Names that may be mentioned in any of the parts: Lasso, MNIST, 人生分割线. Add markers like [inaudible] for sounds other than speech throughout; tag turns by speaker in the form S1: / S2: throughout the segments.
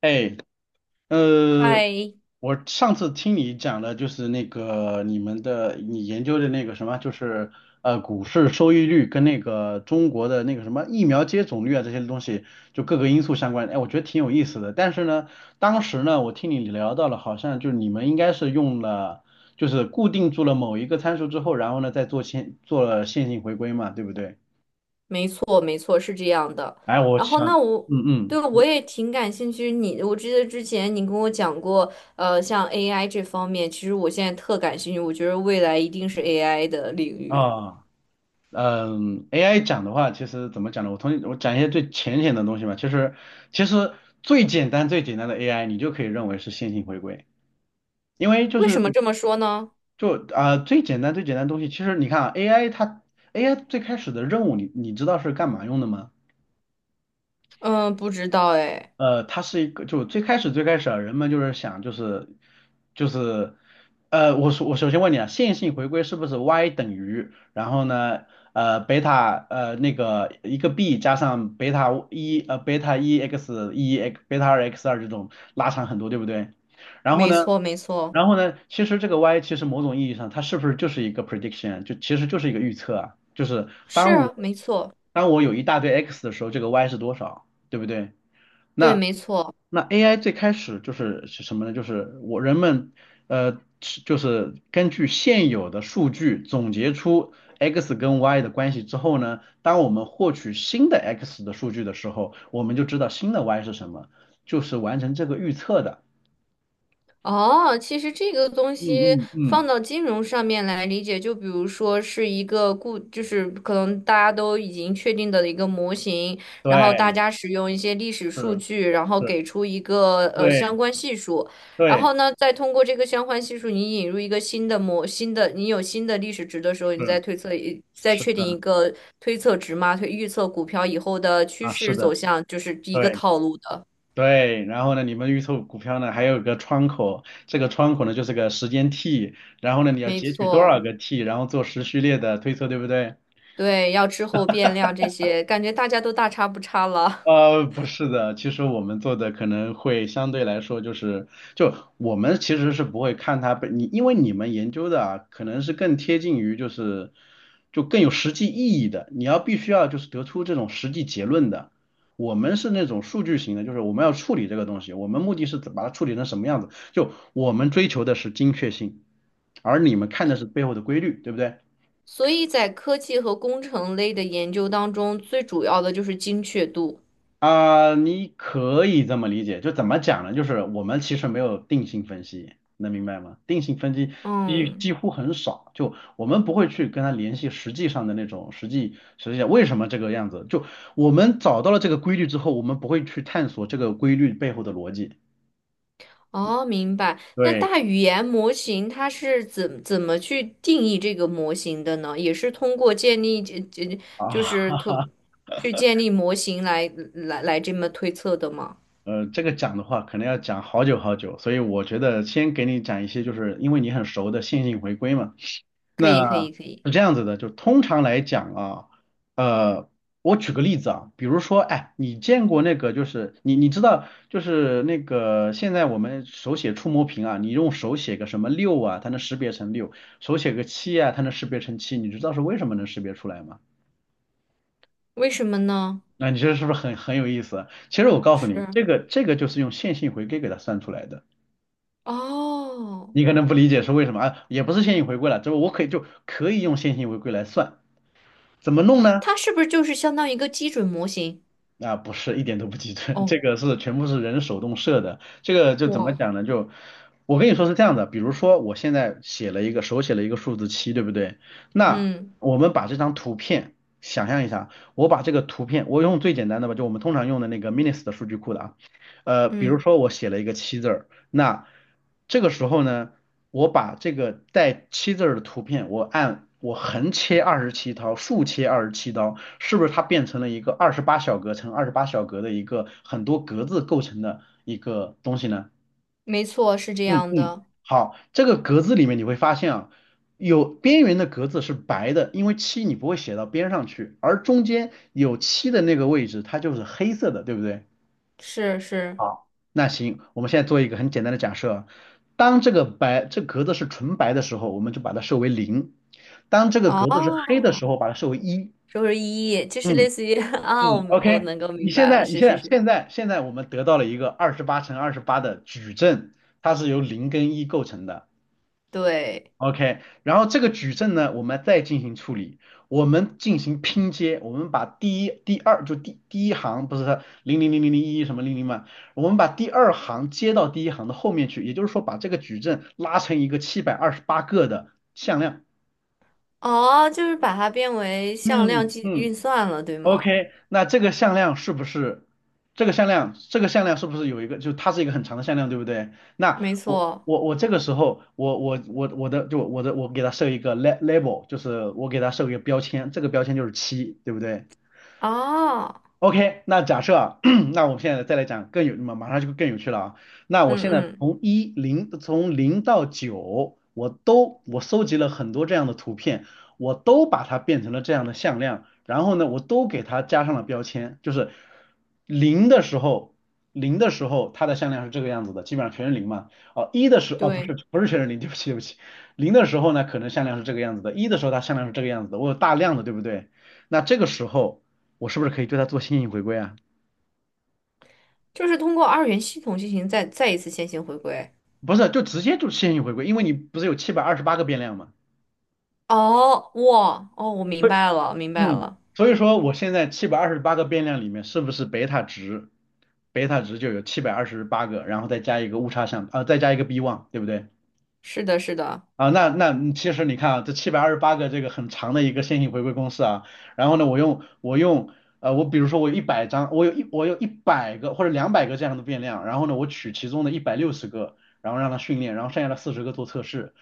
S1: 哎，呃，
S2: 嗨，
S1: 我上次听你讲的就是那个你们的你研究的那个什么，就是股市收益率跟那个中国的那个什么疫苗接种率啊这些东西，就各个因素相关。哎，我觉得挺有意思的。但是呢，当时呢，我听你聊到了，好像就是你们应该是用了，就是固定住了某一个参数之后，然后呢再做了线性回归嘛，对不对？
S2: 没错，没错，是这样的。
S1: 哎，我
S2: 然后，
S1: 想，
S2: 那我
S1: 嗯
S2: 对
S1: 嗯，你
S2: 我也挺感兴趣。你，我记得之前你跟我讲过，像 AI 这方面，其实我现在特感兴趣。我觉得未来一定是 AI 的领域。
S1: 啊。AI 讲的话，其实怎么讲呢？我讲一些最浅显的东西嘛，其实，最简单最简单的 AI，你就可以认为是线性回归，因为就
S2: 为什么
S1: 是
S2: 这么说呢？
S1: 就啊、最简单最简单的东西，其实你看啊，AI 最开始的任务你知道是干嘛用的吗？
S2: 嗯，不知道哎。
S1: 它是一个，就最开始最开始啊，人们就是想就是，我首先问你啊，线性回归是不是 y 等于，然后呢，贝塔那个一个 b 加上贝塔一 x 一 x 贝塔二 x 二这种拉长很多，对不对？然后
S2: 没
S1: 呢，
S2: 错，没错，
S1: 其实这个 y 其实某种意义上它是不是就是一个 prediction，就其实就是一个预测啊，就是
S2: 是
S1: 当
S2: 啊，
S1: 我
S2: 没错，
S1: 当我有一大堆 x 的时候，这个 y 是多少，对不对？
S2: 对，
S1: 那。
S2: 没错。
S1: 那 AI 最开始是什么呢？就是人们根据现有的数据总结出 x 跟 y 的关系之后呢，当我们获取新的 x 的数据的时候，我们就知道新的 y 是什么，就是完成这个预测的。
S2: 哦，其实这个东西
S1: 嗯嗯
S2: 放
S1: 嗯，
S2: 到金融上面来理解，就比如说是一个固，就是可能大家都已经确定的一个模型，然后大
S1: 对，
S2: 家使用一些历史
S1: 是
S2: 数据，然后
S1: 是，
S2: 给出一个相
S1: 对
S2: 关系数，然
S1: 对
S2: 后呢，再通过这个相关系数，你引入一个新的模，新的你有新的历史值的时候，你再
S1: 是
S2: 推测一，再
S1: 是
S2: 确定一
S1: 的
S2: 个推测值嘛，推预测股票以后的趋
S1: 啊，是
S2: 势走
S1: 的，
S2: 向，就是一个
S1: 对。
S2: 套路的，
S1: 对，然后呢，你们预测股票呢还有个窗口，这个窗口呢就是个时间 T，然后呢你要
S2: 没
S1: 截取多少
S2: 错。
S1: 个 T，然后做时序列的推测，对不对？
S2: 对，要滞后变量这些，感觉大家都大差不差了。
S1: 不是的，其实我们做的可能会相对来说就是，就我们其实是不会看它本你，因为你们研究的啊，可能是更贴近于就是，就更有实际意义的，你要必须要就是得出这种实际结论的。我们是那种数据型的，就是我们要处理这个东西，我们目的是把它处理成什么样子，就我们追求的是精确性，而你们看的是背后的规律，对不对？
S2: [laughs] 所以在科技和工程类的研究当中，最主要的就是精确度。
S1: 啊、你可以这么理解，就怎么讲呢？就是我们其实没有定性分析，能明白吗？定性分析几
S2: 嗯，
S1: 几乎很少，就我们不会去跟他联系实际上的那种实际上为什么这个样子。就我们找到了这个规律之后，我们不会去探索这个规律背后的逻辑。
S2: 哦，明白。那
S1: 对
S2: 大语言模型它是怎么去定义这个模型的呢？也是通过建立这这就是
S1: 啊，
S2: 通去建立模型来这么推测的吗？
S1: 这个讲的话可能要讲好久好久，所以我觉得先给你讲一些，就是因为你很熟的线性回归嘛。
S2: 可以，
S1: 那
S2: 可以，可以。
S1: 是这样子的，就通常来讲啊，呃，我举个例子啊，比如说，哎，你见过那个，就是你知道，就是那个现在我们手写触摸屏啊，你用手写个什么六啊，它能识别成六，手写个七啊，它能识别成七，你知道是为什么能识别出来吗？
S2: 为什么呢？
S1: 那你这是不是很有意思啊？其实我告诉
S2: 是
S1: 你，这个就是用线性回归给它算出来的。
S2: 哦，
S1: 你可能不理解是为什么啊，也不是线性回归了，这我可以就可以用线性回归来算，怎么弄呢？
S2: 它是不是就是相当于一个基准模型？
S1: 那不是，一点都不集中，这
S2: 哦，
S1: 个是全部是人手动设的。这个就怎么
S2: 哇，
S1: 讲呢？就我跟你说是这样的，比如说我现在写了一个手写了一个数字七，对不对？那
S2: 嗯
S1: 我们把这张图片想象一下，我把这个图片，我用最简单的吧，就我们通常用的那个 MINIS 的数据库的啊，比如
S2: 嗯，
S1: 说我写了一个七字儿，那这个时候呢，我把这个带七字儿的图片，我横切二十七刀，竖切二十七刀，是不是它变成了一个二十八小格乘二十八小格的一个很多格子构成的一个东西呢？
S2: 没错，是这
S1: 嗯
S2: 样
S1: 嗯，
S2: 的，
S1: 好，这个格子里面你会发现啊，有边缘的格子是白的，因为七你不会写到边上去，而中间有七的那个位置，它就是黑色的，对不对？
S2: 是是，
S1: 好，那行，我们现在做一个很简单的假设，当这个白这个格子是纯白的时候，我们就把它设为零；当这个格子是黑的
S2: 哦，
S1: 时候，把它设为一。
S2: 周是一夜就是
S1: 嗯
S2: 类似于 [laughs] 啊，我
S1: 嗯
S2: 明我
S1: ，OK，
S2: 能够
S1: 你
S2: 明
S1: 现
S2: 白了，
S1: 在你
S2: 是
S1: 现
S2: 是
S1: 在
S2: 是，
S1: 现在现在我们得到了一个28×28的矩阵，它是由零跟一构成的。
S2: 对，
S1: OK，然后这个矩阵呢，我们再进行处理，我们进行拼接，我们把第一、第二就第第一行不是零零零零零一什么零零嘛，我们把第二行接到第一行的后面去，也就是说把这个矩阵拉成一个七百二十八个的向量。
S2: 哦，就是把它变为向量
S1: 嗯
S2: 计
S1: 嗯，
S2: 运算了，对吗？
S1: OK，那这个向量是不是这个向量，这个向量是不是有一个，就它是一个很长的向量，对不对？那
S2: 没
S1: 我
S2: 错，
S1: 我我这个时候，我我我我的就我的我给它设一个 label，就是我给它设一个标签，这个标签就是七，对不对？
S2: 啊，
S1: OK，那假设啊，[clears throat] 那我们现在再来讲更有，马马上就更有趣了啊。那我
S2: 嗯
S1: 现在
S2: 嗯，
S1: 从零到九，我都搜集了很多这样的图片，我都把它变成了这样的向量，然后呢，我都给它加上了标签，就是零的时候，零的时候它的向量是这个样子的，基本上全是零嘛。哦，一的时候，哦不是
S2: 对，
S1: 不是全是零，对不起对不起，零的时候呢，可能向量是这个样子的，一的时候它向量是这个样子的，我有大量的，对不对？那这个时候。我是不是可以对它做线性回归啊？
S2: 就是通过二元系统进行再一次线性回归。
S1: 不是，就直接就线性回归，因为你不是有七百二十八个变量嘛？
S2: 哦，哇，哦，我明
S1: 所以
S2: 白了，明白
S1: 嗯，
S2: 了，
S1: 所以说我现在七百二十八个变量里面是不是贝塔值，贝塔值就有七百二十八个，然后再加一个误差项，再加一个 b1，对不对？
S2: 是的，是的。
S1: 啊，那其实你看啊，这七百二十八个这个很长的一个线性回归公式啊，然后呢，我比如说我有一百张，我有一百个或者200个这样的变量，然后呢，我取其中的160个，然后让它训练，然后剩下的40个做测试，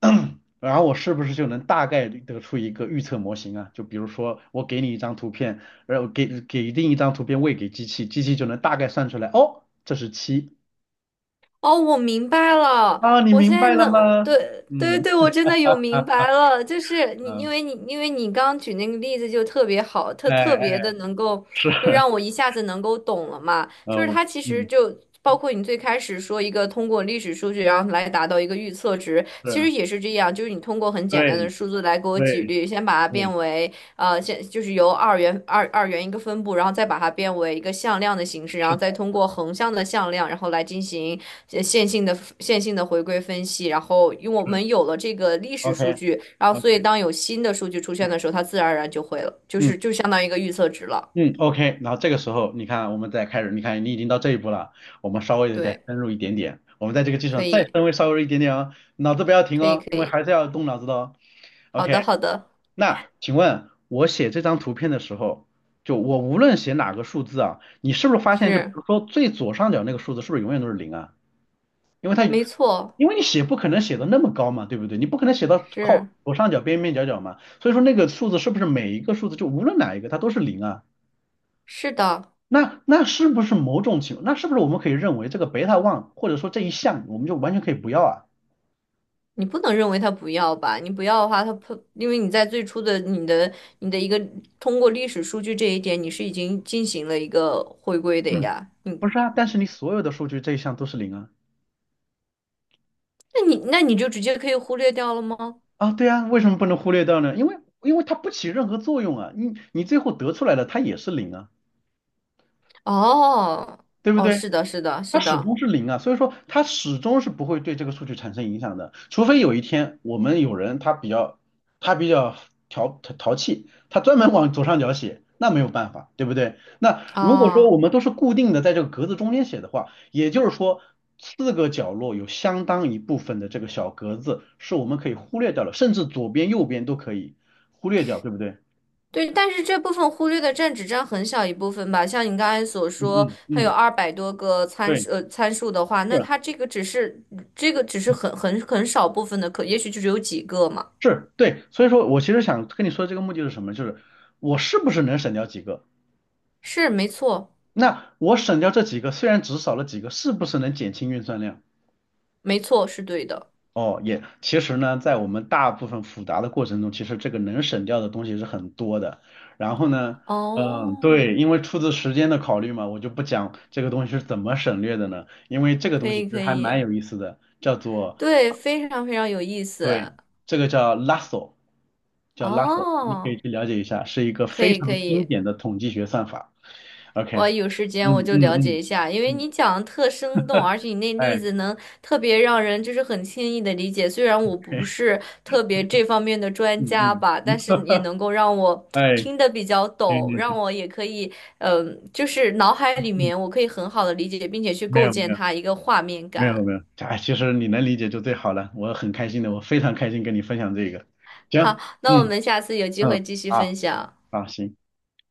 S1: [clears throat] 然后我是不是就能大概率得出一个预测模型啊？就比如说我给你一张图片，然后给定一张图片喂给机器，机器就能大概算出来，哦，这是七
S2: 哦，我明白了，
S1: 啊，你
S2: 我现
S1: 明
S2: 在
S1: 白了吗？
S2: 能，对对
S1: 嗯
S2: 对，我真的有明白了，就是你，因
S1: 嗯，
S2: 为你，因为你刚举那个例子就特别好，特
S1: 哎
S2: 特别
S1: 哎。
S2: 的能够，
S1: 是，
S2: 就让我一下子能够懂了嘛，
S1: 呃，
S2: 就是
S1: 我
S2: 它其实
S1: 嗯，
S2: 就。包括你最开始说一个通过历史数据，然后来达到一个预测值，其实
S1: 是，
S2: 也是这样，就是你通过很简单
S1: 对
S2: 的数字来给我举
S1: 对
S2: 例，先把它变
S1: 对，
S2: 为先就是由二元一个分布，然后再把它变为一个向量的形式，然
S1: 是
S2: 后再
S1: 的，
S2: 通过横向的向量，然后来进行。线性的回归分析，然后因为我
S1: 是
S2: 们有了这个历史
S1: ，OK
S2: 数据，然后所
S1: OK，
S2: 以当有新的数据出现的时候，它自然而然就会了，就
S1: 嗯
S2: 是就相当于一个预测值了。
S1: 嗯，OK，然后这个时候你看，我们再开始，你看你已经到这一步了，我们稍微的再
S2: 对，
S1: 深入一点点，我们在这个基础
S2: 可
S1: 上再
S2: 以，
S1: 深微稍微一点点哦，脑子不要停
S2: 可以，
S1: 哦，因
S2: 可
S1: 为还
S2: 以。
S1: 是要动脑子的哦。
S2: 好的，
S1: OK，
S2: 好的，
S1: 那请问我写这张图片的时候，就我无论写哪个数字啊，你是不是发现，就比
S2: 是，
S1: 如说最左上角那个数字是不是永远都是零啊？因为它
S2: 没错，
S1: 因为你写不可能写的那么高嘛，对不对？你不可能写到靠
S2: 是，
S1: 左上角边边角角嘛，所以说那个数字是不是每一个数字就无论哪一个它都是零啊？
S2: 是的。
S1: 那是不是某种情况那是不是我们可以认为这个贝塔 one 或者说这一项我们就完全可以不要啊？
S2: 你不能认为它不要吧？你不要的话，它不，因为你在最初的你的一个通过历史数据这一点，你是已经进行了一个回归的
S1: 嗯，
S2: 呀。你
S1: 不是啊，但是你所有的数据这一项都是零啊
S2: 那你就直接可以忽略掉了吗？
S1: 啊，对啊，为什么不能忽略掉呢？因为它不起任何作用啊，你最后得出来的它也是零啊，
S2: 哦，
S1: 对不
S2: 哦，
S1: 对？
S2: 是的，是的，
S1: 它
S2: 是
S1: 始
S2: 的，
S1: 终是零啊，所以说它始终是不会对这个数据产生影响的，除非有一天我们有人他比较他比较淘气，他专门往左上角写，那没有办法，对不对？那如果说我
S2: 啊，
S1: 们都是固定的在这个格子中间写的话，也就是说四个角落有相当一部分的这个小格子是我们可以忽略掉了，甚至左边右边都可以忽略掉，对不对？
S2: 对，但是这部分忽略的占只占很小一部分吧。像你刚才所
S1: 嗯
S2: 说，
S1: 嗯
S2: 它有
S1: 嗯，
S2: 200多个参
S1: 对。
S2: 数，参数的话，那
S1: 是。
S2: 它这个只是这个只是很少部分的可，也许就只有几个嘛。
S1: 是对，所以说我其实想跟你说这个目的是什么，就是我是不是能省掉几个？
S2: 是，没错，
S1: 那我省掉这几个，虽然只少了几个，是不是能减轻运算量？
S2: 没错，是对的。
S1: 哦，也其实呢，在我们大部分复杂的过程中，其实这个能省掉的东西是很多的。然后呢，嗯，
S2: 哦，
S1: 对，因为出自时间的考虑嘛，我就不讲这个东西是怎么省略的呢，因为这个
S2: 可
S1: 东西
S2: 以，
S1: 其实
S2: 可
S1: 还蛮
S2: 以，
S1: 有意思的，叫做
S2: 对，非常非常有意思。
S1: 对，这个叫 Lasso，叫 Lasso，你可以
S2: 哦，
S1: 去了解一下，是一个
S2: 可
S1: 非
S2: 以，可
S1: 常经
S2: 以。
S1: 典的统计学算法。OK，
S2: 我有时间
S1: 嗯
S2: 我
S1: 嗯
S2: 就了解
S1: 嗯
S2: 一下，因为
S1: 嗯，
S2: 你讲的特生动，而且你那例
S1: 哎，
S2: 子能特别让人就是很轻易的理解。虽然我不
S1: [laughs]
S2: 是特别这方面的专
S1: 嗯
S2: 家
S1: 嗯，
S2: 吧，但是也能够让我
S1: 哎，
S2: 听得比较
S1: 行
S2: 懂，
S1: 行
S2: 让
S1: 行，
S2: 我也可以，嗯、就是脑海里
S1: 嗯，
S2: 面我可以很好的理解，并且去
S1: 没
S2: 构
S1: 有
S2: 建
S1: 没有
S2: 它一个画面
S1: 没有
S2: 感。
S1: 没有，哎，其实你能理解就最好了，我很开心的，我非常开心跟你分享这个。
S2: 好，
S1: 行，
S2: 那我
S1: 嗯
S2: 们下次有机
S1: 嗯，
S2: 会继续
S1: 啊
S2: 分
S1: 啊，
S2: 享。
S1: 好行。